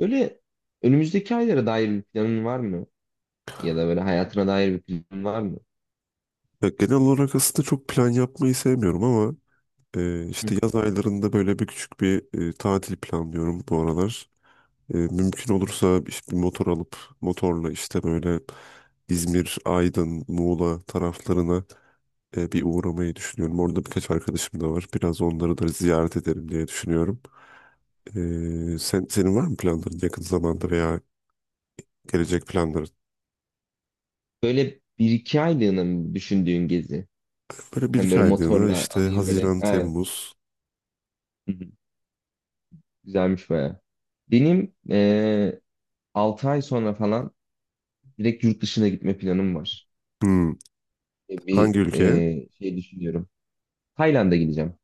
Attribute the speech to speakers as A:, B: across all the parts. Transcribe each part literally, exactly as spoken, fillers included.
A: Öyle önümüzdeki aylara dair bir planın var mı? Ya da böyle hayatına dair bir planın var mı?
B: Ya genel olarak aslında çok plan yapmayı sevmiyorum ama e,
A: Hı.
B: işte yaz aylarında böyle bir küçük bir e, tatil planlıyorum bu aralar. E, mümkün olursa işte bir motor alıp motorla işte böyle İzmir, Aydın, Muğla taraflarına e, bir uğramayı düşünüyorum. Orada birkaç arkadaşım da var. Biraz onları da ziyaret ederim diye düşünüyorum. E, sen, senin var mı planların yakın zamanda veya gelecek planların?
A: Böyle bir iki aylığına mı düşündüğün gezi?
B: Böyle bir
A: Yani
B: iki
A: böyle
B: aylığına
A: motorla
B: işte
A: alayım böyle.
B: Haziran,
A: Aynen.
B: Temmuz.
A: Hı hı. Güzelmiş baya. Benim eee altı ay sonra falan direkt yurt dışına gitme planım var.
B: Hmm,
A: E, Bir
B: Hangi ülkeye?
A: eee, şey düşünüyorum. Tayland'a gideceğim.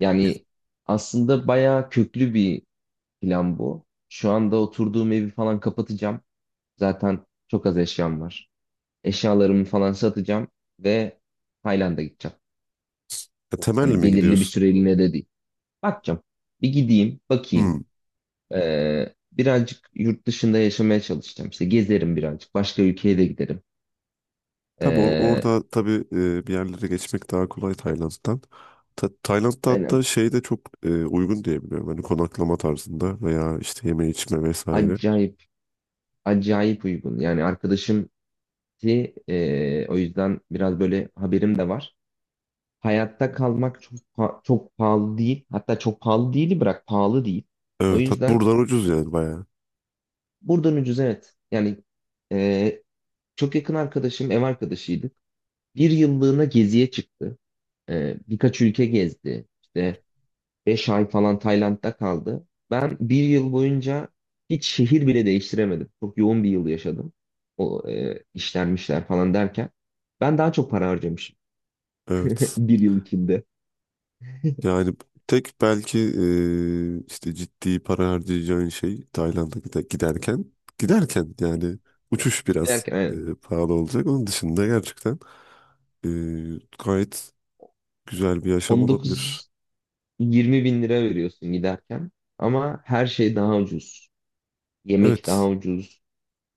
A: Yani aslında baya köklü bir plan bu. Şu anda oturduğum evi falan kapatacağım. Zaten çok az eşyam var. Eşyalarımı falan satacağım ve Tayland'a gideceğim.
B: E, temelli
A: Hani
B: mi
A: belirli bir
B: gidiyorsun?
A: süreliğine de değil. Bakacağım. Bir gideyim, bakayım.
B: Hmm.
A: Ee, birazcık yurt dışında yaşamaya çalışacağım. İşte gezerim birazcık. Başka ülkeye de giderim.
B: Tabii or-
A: Ee,
B: orada tabii, e, bir yerlere geçmek daha kolay Tayland'dan. Ta- Tayland'da
A: aynen.
B: hatta şey de çok e, uygun diye biliyorum. Hani konaklama tarzında veya işte yeme içme vesaire.
A: Acayip, acayip uygun. Yani arkadaşım ki e, o yüzden biraz böyle haberim de var. Hayatta kalmak çok pa- çok pahalı değil. Hatta çok pahalı değil, bırak pahalı değil. O
B: Evet, hat
A: yüzden
B: buradan ucuz yani bayağı.
A: buradan ucuz, evet. Yani e, çok yakın arkadaşım, ev arkadaşıydık. Bir yıllığına geziye çıktı. Ee, birkaç ülke gezdi. İşte beş ay falan Tayland'da kaldı. Ben bir yıl boyunca hiç şehir bile değiştiremedim. Çok yoğun bir yıl yaşadım. O e, işlenmişler falan derken. Ben daha çok para harcamışım.
B: Evet.
A: Bir yıl içinde.
B: Yani tek belki, e, işte ciddi para harcayacağın şey Tayland'a gide- giderken giderken yani uçuş biraz,
A: Giderken
B: e,
A: aynen.
B: pahalı olacak. Onun dışında gerçekten, e, gayet güzel bir yaşam olabilir.
A: on dokuz yirmi bin lira veriyorsun giderken. Ama her şey daha ucuz. Yemek daha
B: Evet.
A: ucuz.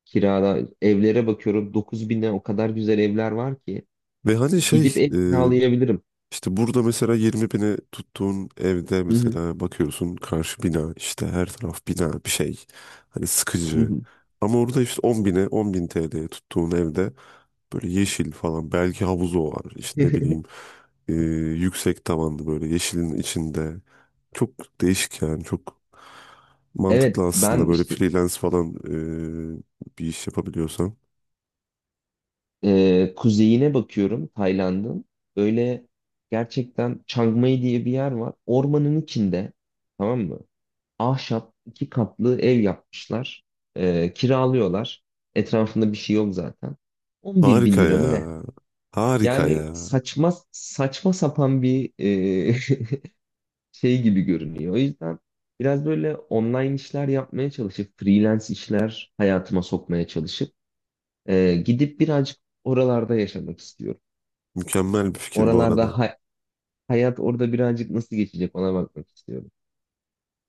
A: Kirada evlere bakıyorum, dokuz bine o kadar güzel evler var ki.
B: Ve hani şey,
A: Gidip ev
B: e,
A: kiralayabilirim.
B: işte burada mesela yirmi bine tuttuğun evde
A: Hı hı,
B: mesela bakıyorsun karşı bina, işte her taraf bina bir şey, hani
A: hı
B: sıkıcı.
A: hı.
B: Ama orada işte on bine on bin T L'ye tuttuğun evde böyle yeşil falan belki havuzu var, işte ne bileyim, e, yüksek tavanlı böyle yeşilin içinde çok değişik yani çok
A: Evet,
B: mantıklı aslında
A: ben
B: böyle
A: işte
B: freelance falan, e, bir iş yapabiliyorsan.
A: e, kuzeyine bakıyorum Tayland'ın. Öyle gerçekten Chiang Mai diye bir yer var. Ormanın içinde, tamam mı? Ahşap iki katlı ev yapmışlar. E, kiralıyorlar. Etrafında bir şey yok zaten. On bir
B: Harika
A: bin lira
B: ya,
A: mı ne?
B: harika
A: Yani
B: ya,
A: saçma saçma sapan bir e, şey gibi görünüyor. O yüzden biraz böyle online işler yapmaya çalışıp, freelance işler hayatıma sokmaya çalışıp e, gidip birazcık oralarda yaşamak istiyorum.
B: mükemmel bir fikir bu
A: Oralarda
B: arada.
A: hay- hayat orada birazcık nasıl geçecek, ona bakmak istiyorum.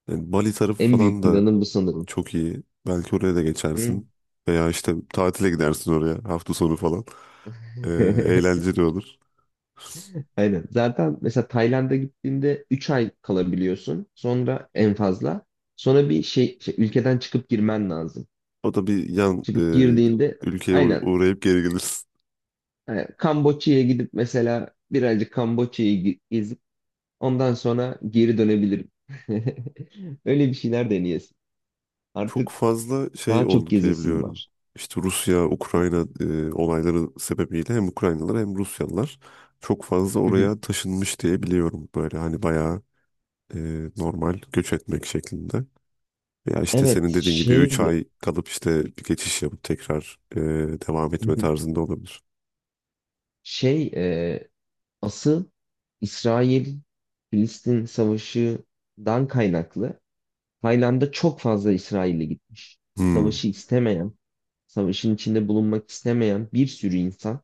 B: Yani Bali tarafı
A: En
B: falan
A: büyük
B: da
A: planım bu sanırım.
B: çok iyi. Belki oraya da
A: Hı.
B: geçersin. Veya işte tatile gidersin oraya hafta sonu falan. Ee, Eğlenceli olur.
A: Aynen. Zaten mesela Tayland'a gittiğinde üç ay kalabiliyorsun. Sonra en fazla. Sonra bir şey, şey, ülkeden çıkıp girmen lazım.
B: O da bir yan, e,
A: Çıkıp girdiğinde
B: ülkeye uğ-
A: aynen.
B: uğrayıp geri gelirsin.
A: Hani Kamboçya'ya gidip mesela birazcık Kamboçya'yı ge- gezip ondan sonra geri dönebilirim. Öyle bir şeyler deneyesin.
B: Çok
A: Artık
B: fazla şey
A: daha çok
B: oldu
A: gezesim
B: diyebiliyorum.
A: var.
B: İşte Rusya, Ukrayna e, olayları sebebiyle hem Ukraynalılar hem Rusyalılar çok fazla
A: Hı hı.
B: oraya taşınmış diye biliyorum. Böyle hani bayağı e, normal göç etmek şeklinde. Ya işte
A: Evet,
B: senin dediğin gibi üç
A: şeydi.
B: ay kalıp işte bir geçiş yapıp tekrar e, devam
A: Hı
B: etme
A: hı.
B: tarzında olabilir.
A: Şey, e, asıl İsrail-Filistin savaşından kaynaklı Tayland'a çok fazla İsrail'e gitmiş. Savaşı
B: Hmm.
A: istemeyen, savaşın içinde bulunmak istemeyen bir sürü insan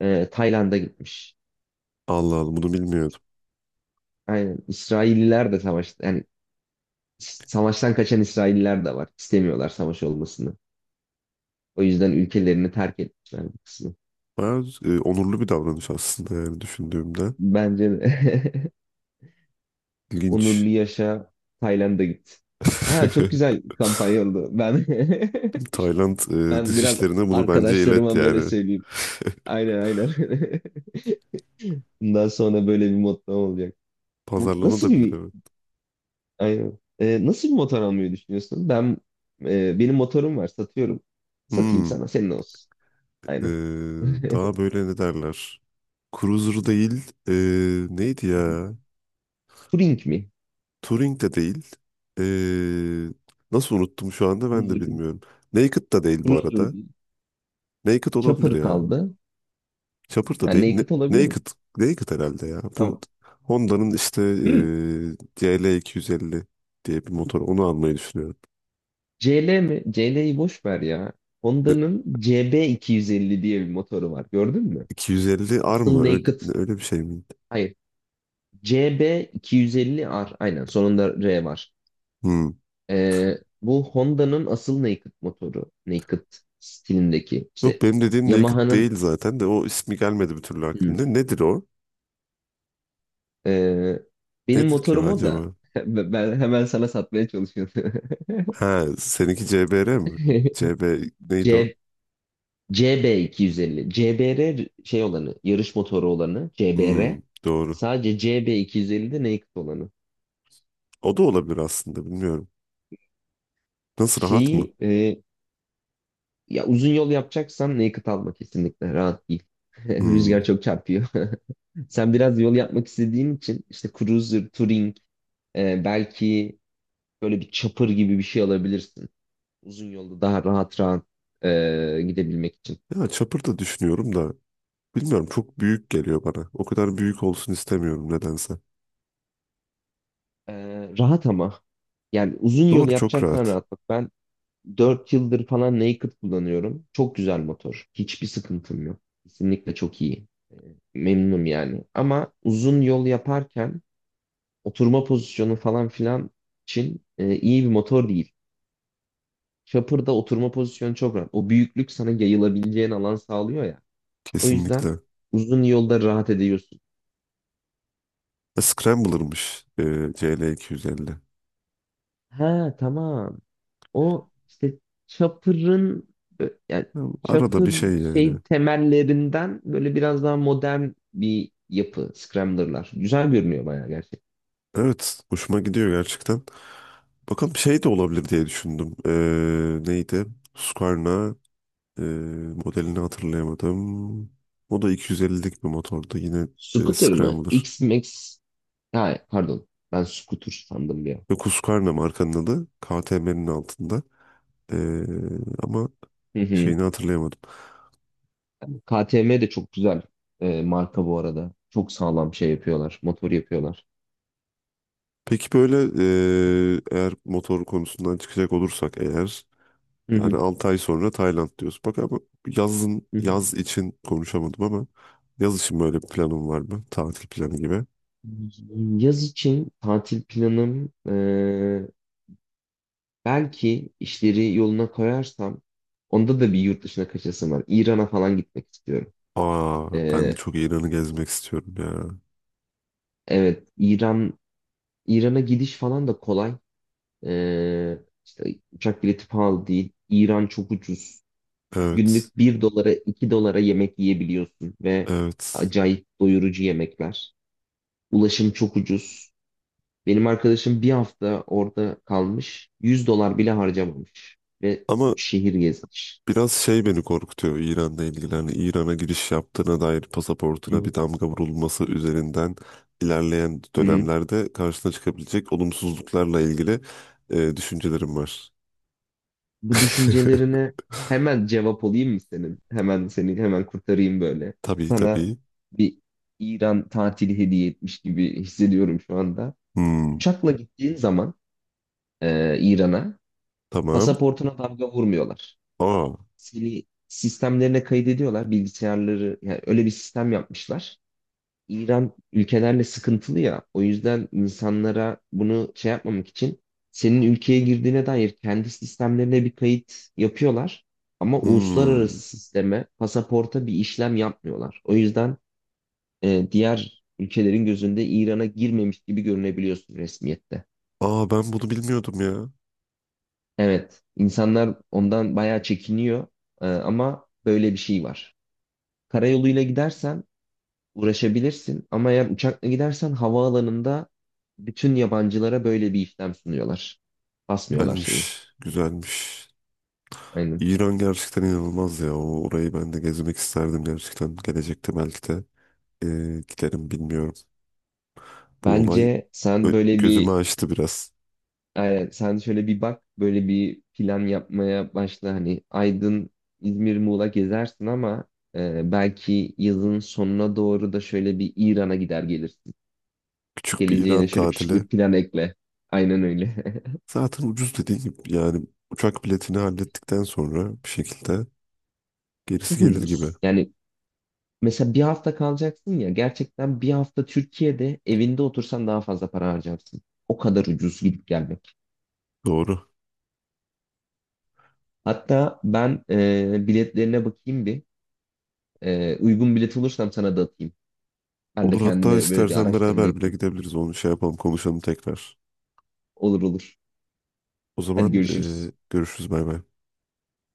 A: e, Tayland'a gitmiş.
B: Allah Allah, bunu bilmiyordum.
A: Aynen. İsrailliler de savaş, yani savaştan kaçan İsrailliler de var. İstemiyorlar savaş olmasını. O yüzden ülkelerini terk etmişler bu kısmı.
B: Bayağı e, onurlu bir davranış aslında yani düşündüğümde.
A: Bence de.
B: İlginç.
A: Onurlu yaşa, Tayland'a git. Ha, çok güzel kampanya oldu. Ben
B: Tayland e,
A: ben
B: dış
A: biraz
B: işlerine bunu bence ilet
A: arkadaşlarıma böyle
B: yani.
A: söyleyeyim. Aynen, aynen. Bundan sonra böyle bir motto olacak. Bu nasıl
B: Pazarlanabilir,
A: bir,
B: evet.
A: aynen. Ee, nasıl bir motor almayı düşünüyorsun? Ben e, benim motorum var, satıyorum. Satayım,
B: Hmm.
A: sana senin olsun.
B: E,
A: Aynen.
B: Daha böyle ne derler? Cruiser değil. E, neydi ya?
A: Turing mi?
B: Turing de değil. Ee, Nasıl unuttum şu anda ben de
A: Cruiser
B: bilmiyorum. Naked da değil bu
A: Cruiser
B: arada.
A: değil.
B: Naked olabilir
A: Chopper
B: ya.
A: kaldı.
B: Chopper da
A: Yani
B: değil. Ne-
A: Naked olabilir mi?
B: Naked. Naked herhalde ya. Bu
A: Tamam.
B: Honda'nın işte,
A: Hmm.
B: ee, C L iki yüz elli diye bir motor. Onu almayı düşünüyorum.
A: C L mi? C L'yi boş ver ya.
B: Ne-
A: Honda'nın C B iki yüz elli diye bir motoru var. Gördün mü?
B: 250 R
A: Custom
B: mı? Öyle,
A: Naked.
B: öyle bir şey mi?
A: Hayır. C B iki yüz elli R. Aynen. Sonunda R var.
B: Hmm.
A: Ee, Bu Honda'nın asıl Naked motoru. Naked stilindeki.
B: Yok,
A: İşte
B: benim dediğim Naked
A: Yamaha'nın.
B: değil zaten de o ismi gelmedi bir türlü
A: Hmm.
B: aklımda. Nedir o?
A: Ee, Benim
B: Nedir ki o
A: motorum o da.
B: acaba?
A: Ben hemen sana satmaya çalışıyorum.
B: Ha, seninki C B R mi? C B neydi o?
A: C, CB250. C B R şey olanı, yarış motoru olanı. C B R.
B: Hmm, doğru.
A: Sadece C B, C B iki yüz ellide naked olanı.
B: O da olabilir aslında, bilmiyorum. Nasıl, rahat mı?
A: Şeyi e, ya, uzun yol yapacaksan naked alma kesinlikle. Rahat değil. Rüzgar
B: Hmm.
A: çok çarpıyor. Sen biraz yol yapmak istediğin için işte Cruiser, Touring, e, belki böyle bir chopper gibi bir şey alabilirsin. Uzun yolda daha rahat rahat e, gidebilmek için.
B: Ya çapır da düşünüyorum da bilmiyorum, çok büyük geliyor bana. O kadar büyük olsun istemiyorum nedense.
A: E, Rahat ama. Yani uzun yol
B: Doğru, çok
A: yapacaksan
B: rahat.
A: rahat. Bak, ben dört yıldır falan Naked kullanıyorum. Çok güzel motor. Hiçbir sıkıntım yok. Kesinlikle çok iyi. Memnunum yani. Ama uzun yol yaparken oturma pozisyonu falan filan için e, iyi bir motor değil. Chopper'da oturma pozisyonu çok rahat. O büyüklük sana yayılabileceğin alan sağlıyor ya. O yüzden
B: Kesinlikle.
A: uzun yolda rahat ediyorsun.
B: E, Scrambler'mış, e, C L iki yüz elli.
A: Ha, tamam. O işte Chopper'ın ö- yani
B: Ya, arada bir
A: Chopper
B: şey yani.
A: şey temellerinden böyle biraz daha modern bir yapı Scrambler'lar. Güzel görünüyor bayağı gerçekten.
B: Evet, hoşuma gidiyor gerçekten. Bakalım, şey de olabilir diye düşündüm. E, neydi? Husqvarna e, modelini hatırlayamadım. O da iki yüz ellilik bir motordu. Yine e,
A: Scooter mı?
B: Scrambler.
A: X-Max. Ha, pardon. Ben Scooter sandım bir an.
B: Ve Kuskarna markanın adı K T M'nin altında. Ee, Ama
A: Hı hı.
B: şeyini hatırlayamadım.
A: K T M de çok güzel e, marka bu arada. Çok sağlam şey yapıyorlar. Motor yapıyorlar.
B: Peki böyle, eee, eğer motor konusundan çıkacak olursak eğer
A: Hı
B: yani
A: hı.
B: altı ay sonra Tayland diyoruz. Bak ama yazın,
A: Hı hı.
B: yaz için konuşamadım ama yaz için böyle bir planım var mı? Tatil planı gibi.
A: Yaz için tatil planım, e, belki işleri yoluna koyarsam onda da bir yurt dışına kaçasım var. İran'a falan gitmek istiyorum.
B: Aa, ben de
A: Ee,
B: çok İran'ı gezmek istiyorum ya.
A: evet, İran İran'a gidiş falan da kolay. Ee, işte uçak bileti pahalı değil. İran çok ucuz.
B: Evet.
A: Günlük bir dolara, iki dolara yemek yiyebiliyorsun ve
B: Evet.
A: acayip doyurucu yemekler. Ulaşım çok ucuz. Benim arkadaşım bir hafta orada kalmış. Yüz dolar bile harcamamış ve
B: Ama
A: üç şehir gezmiş.
B: biraz şey beni korkutuyor İran'la ilgili. Hani İran'a giriş yaptığına dair pasaportuna bir
A: Hı
B: damga vurulması üzerinden ilerleyen
A: hı.
B: dönemlerde karşına çıkabilecek olumsuzluklarla ilgili e, düşüncelerim var.
A: Bu düşüncelerine hemen cevap olayım mı senin? Hemen seni hemen kurtarayım böyle.
B: Tabii,
A: Sana
B: tabii.
A: bir İran tatili hediye etmiş gibi hissediyorum şu anda.
B: Hmm,
A: Uçakla gittiğin zaman e, İran'a
B: tamam.
A: pasaportuna damga vurmuyorlar.
B: Aa,
A: Seni sistemlerine kaydediyorlar. Bilgisayarları, yani öyle bir sistem yapmışlar. İran ülkelerle sıkıntılı ya. O yüzden insanlara bunu şey yapmamak için senin ülkeye girdiğine dair kendi sistemlerine bir kayıt yapıyorlar. Ama
B: hmm.
A: uluslararası sisteme, pasaporta bir işlem yapmıyorlar. O yüzden e, diğer ülkelerin gözünde İran'a girmemiş gibi görünebiliyorsun resmiyette.
B: Aa, ben bunu bilmiyordum ya.
A: Evet, insanlar ondan bayağı çekiniyor. E, ama böyle bir şey var. Karayoluyla gidersen uğraşabilirsin ama eğer uçakla gidersen havaalanında bütün yabancılara böyle bir işlem sunuyorlar. Basmıyorlar şeyi.
B: Güzelmiş, güzelmiş.
A: Aynen.
B: İran gerçekten inanılmaz ya. O, orayı ben de gezmek isterdim gerçekten. Gelecekte belki de, e, giderim bilmiyorum. Bu olay
A: Bence sen
B: Ö-
A: böyle
B: gözümü
A: bir,
B: açtı biraz.
A: aynen, sen şöyle bir bak, böyle bir plan yapmaya başla. Hani Aydın, İzmir, Muğla gezersin ama e, belki yazın sonuna doğru da şöyle bir İran'a gider gelirsin.
B: Küçük bir
A: Geleceğine
B: İran
A: şöyle küçük
B: tatili.
A: bir plan ekle. Aynen öyle.
B: Zaten ucuz, dediğin gibi yani uçak biletini hallettikten sonra bir şekilde gerisi
A: Çok
B: gelir gibi.
A: ucuz. Yani mesela bir hafta kalacaksın ya, gerçekten bir hafta Türkiye'de evinde otursan daha fazla para harcarsın. O kadar ucuz gidip gelmek.
B: Doğru.
A: Hatta ben e, biletlerine bakayım bir. E, uygun bilet olursam sana da atayım. Ben de
B: Olur, hatta
A: kendime böyle bir
B: istersen
A: araştırma
B: beraber bile
A: yapayım.
B: gidebiliriz. Onu şey yapalım, konuşalım tekrar.
A: Olur, olur.
B: O
A: Hadi
B: zaman, e,
A: görüşürüz.
B: görüşürüz, bay bay.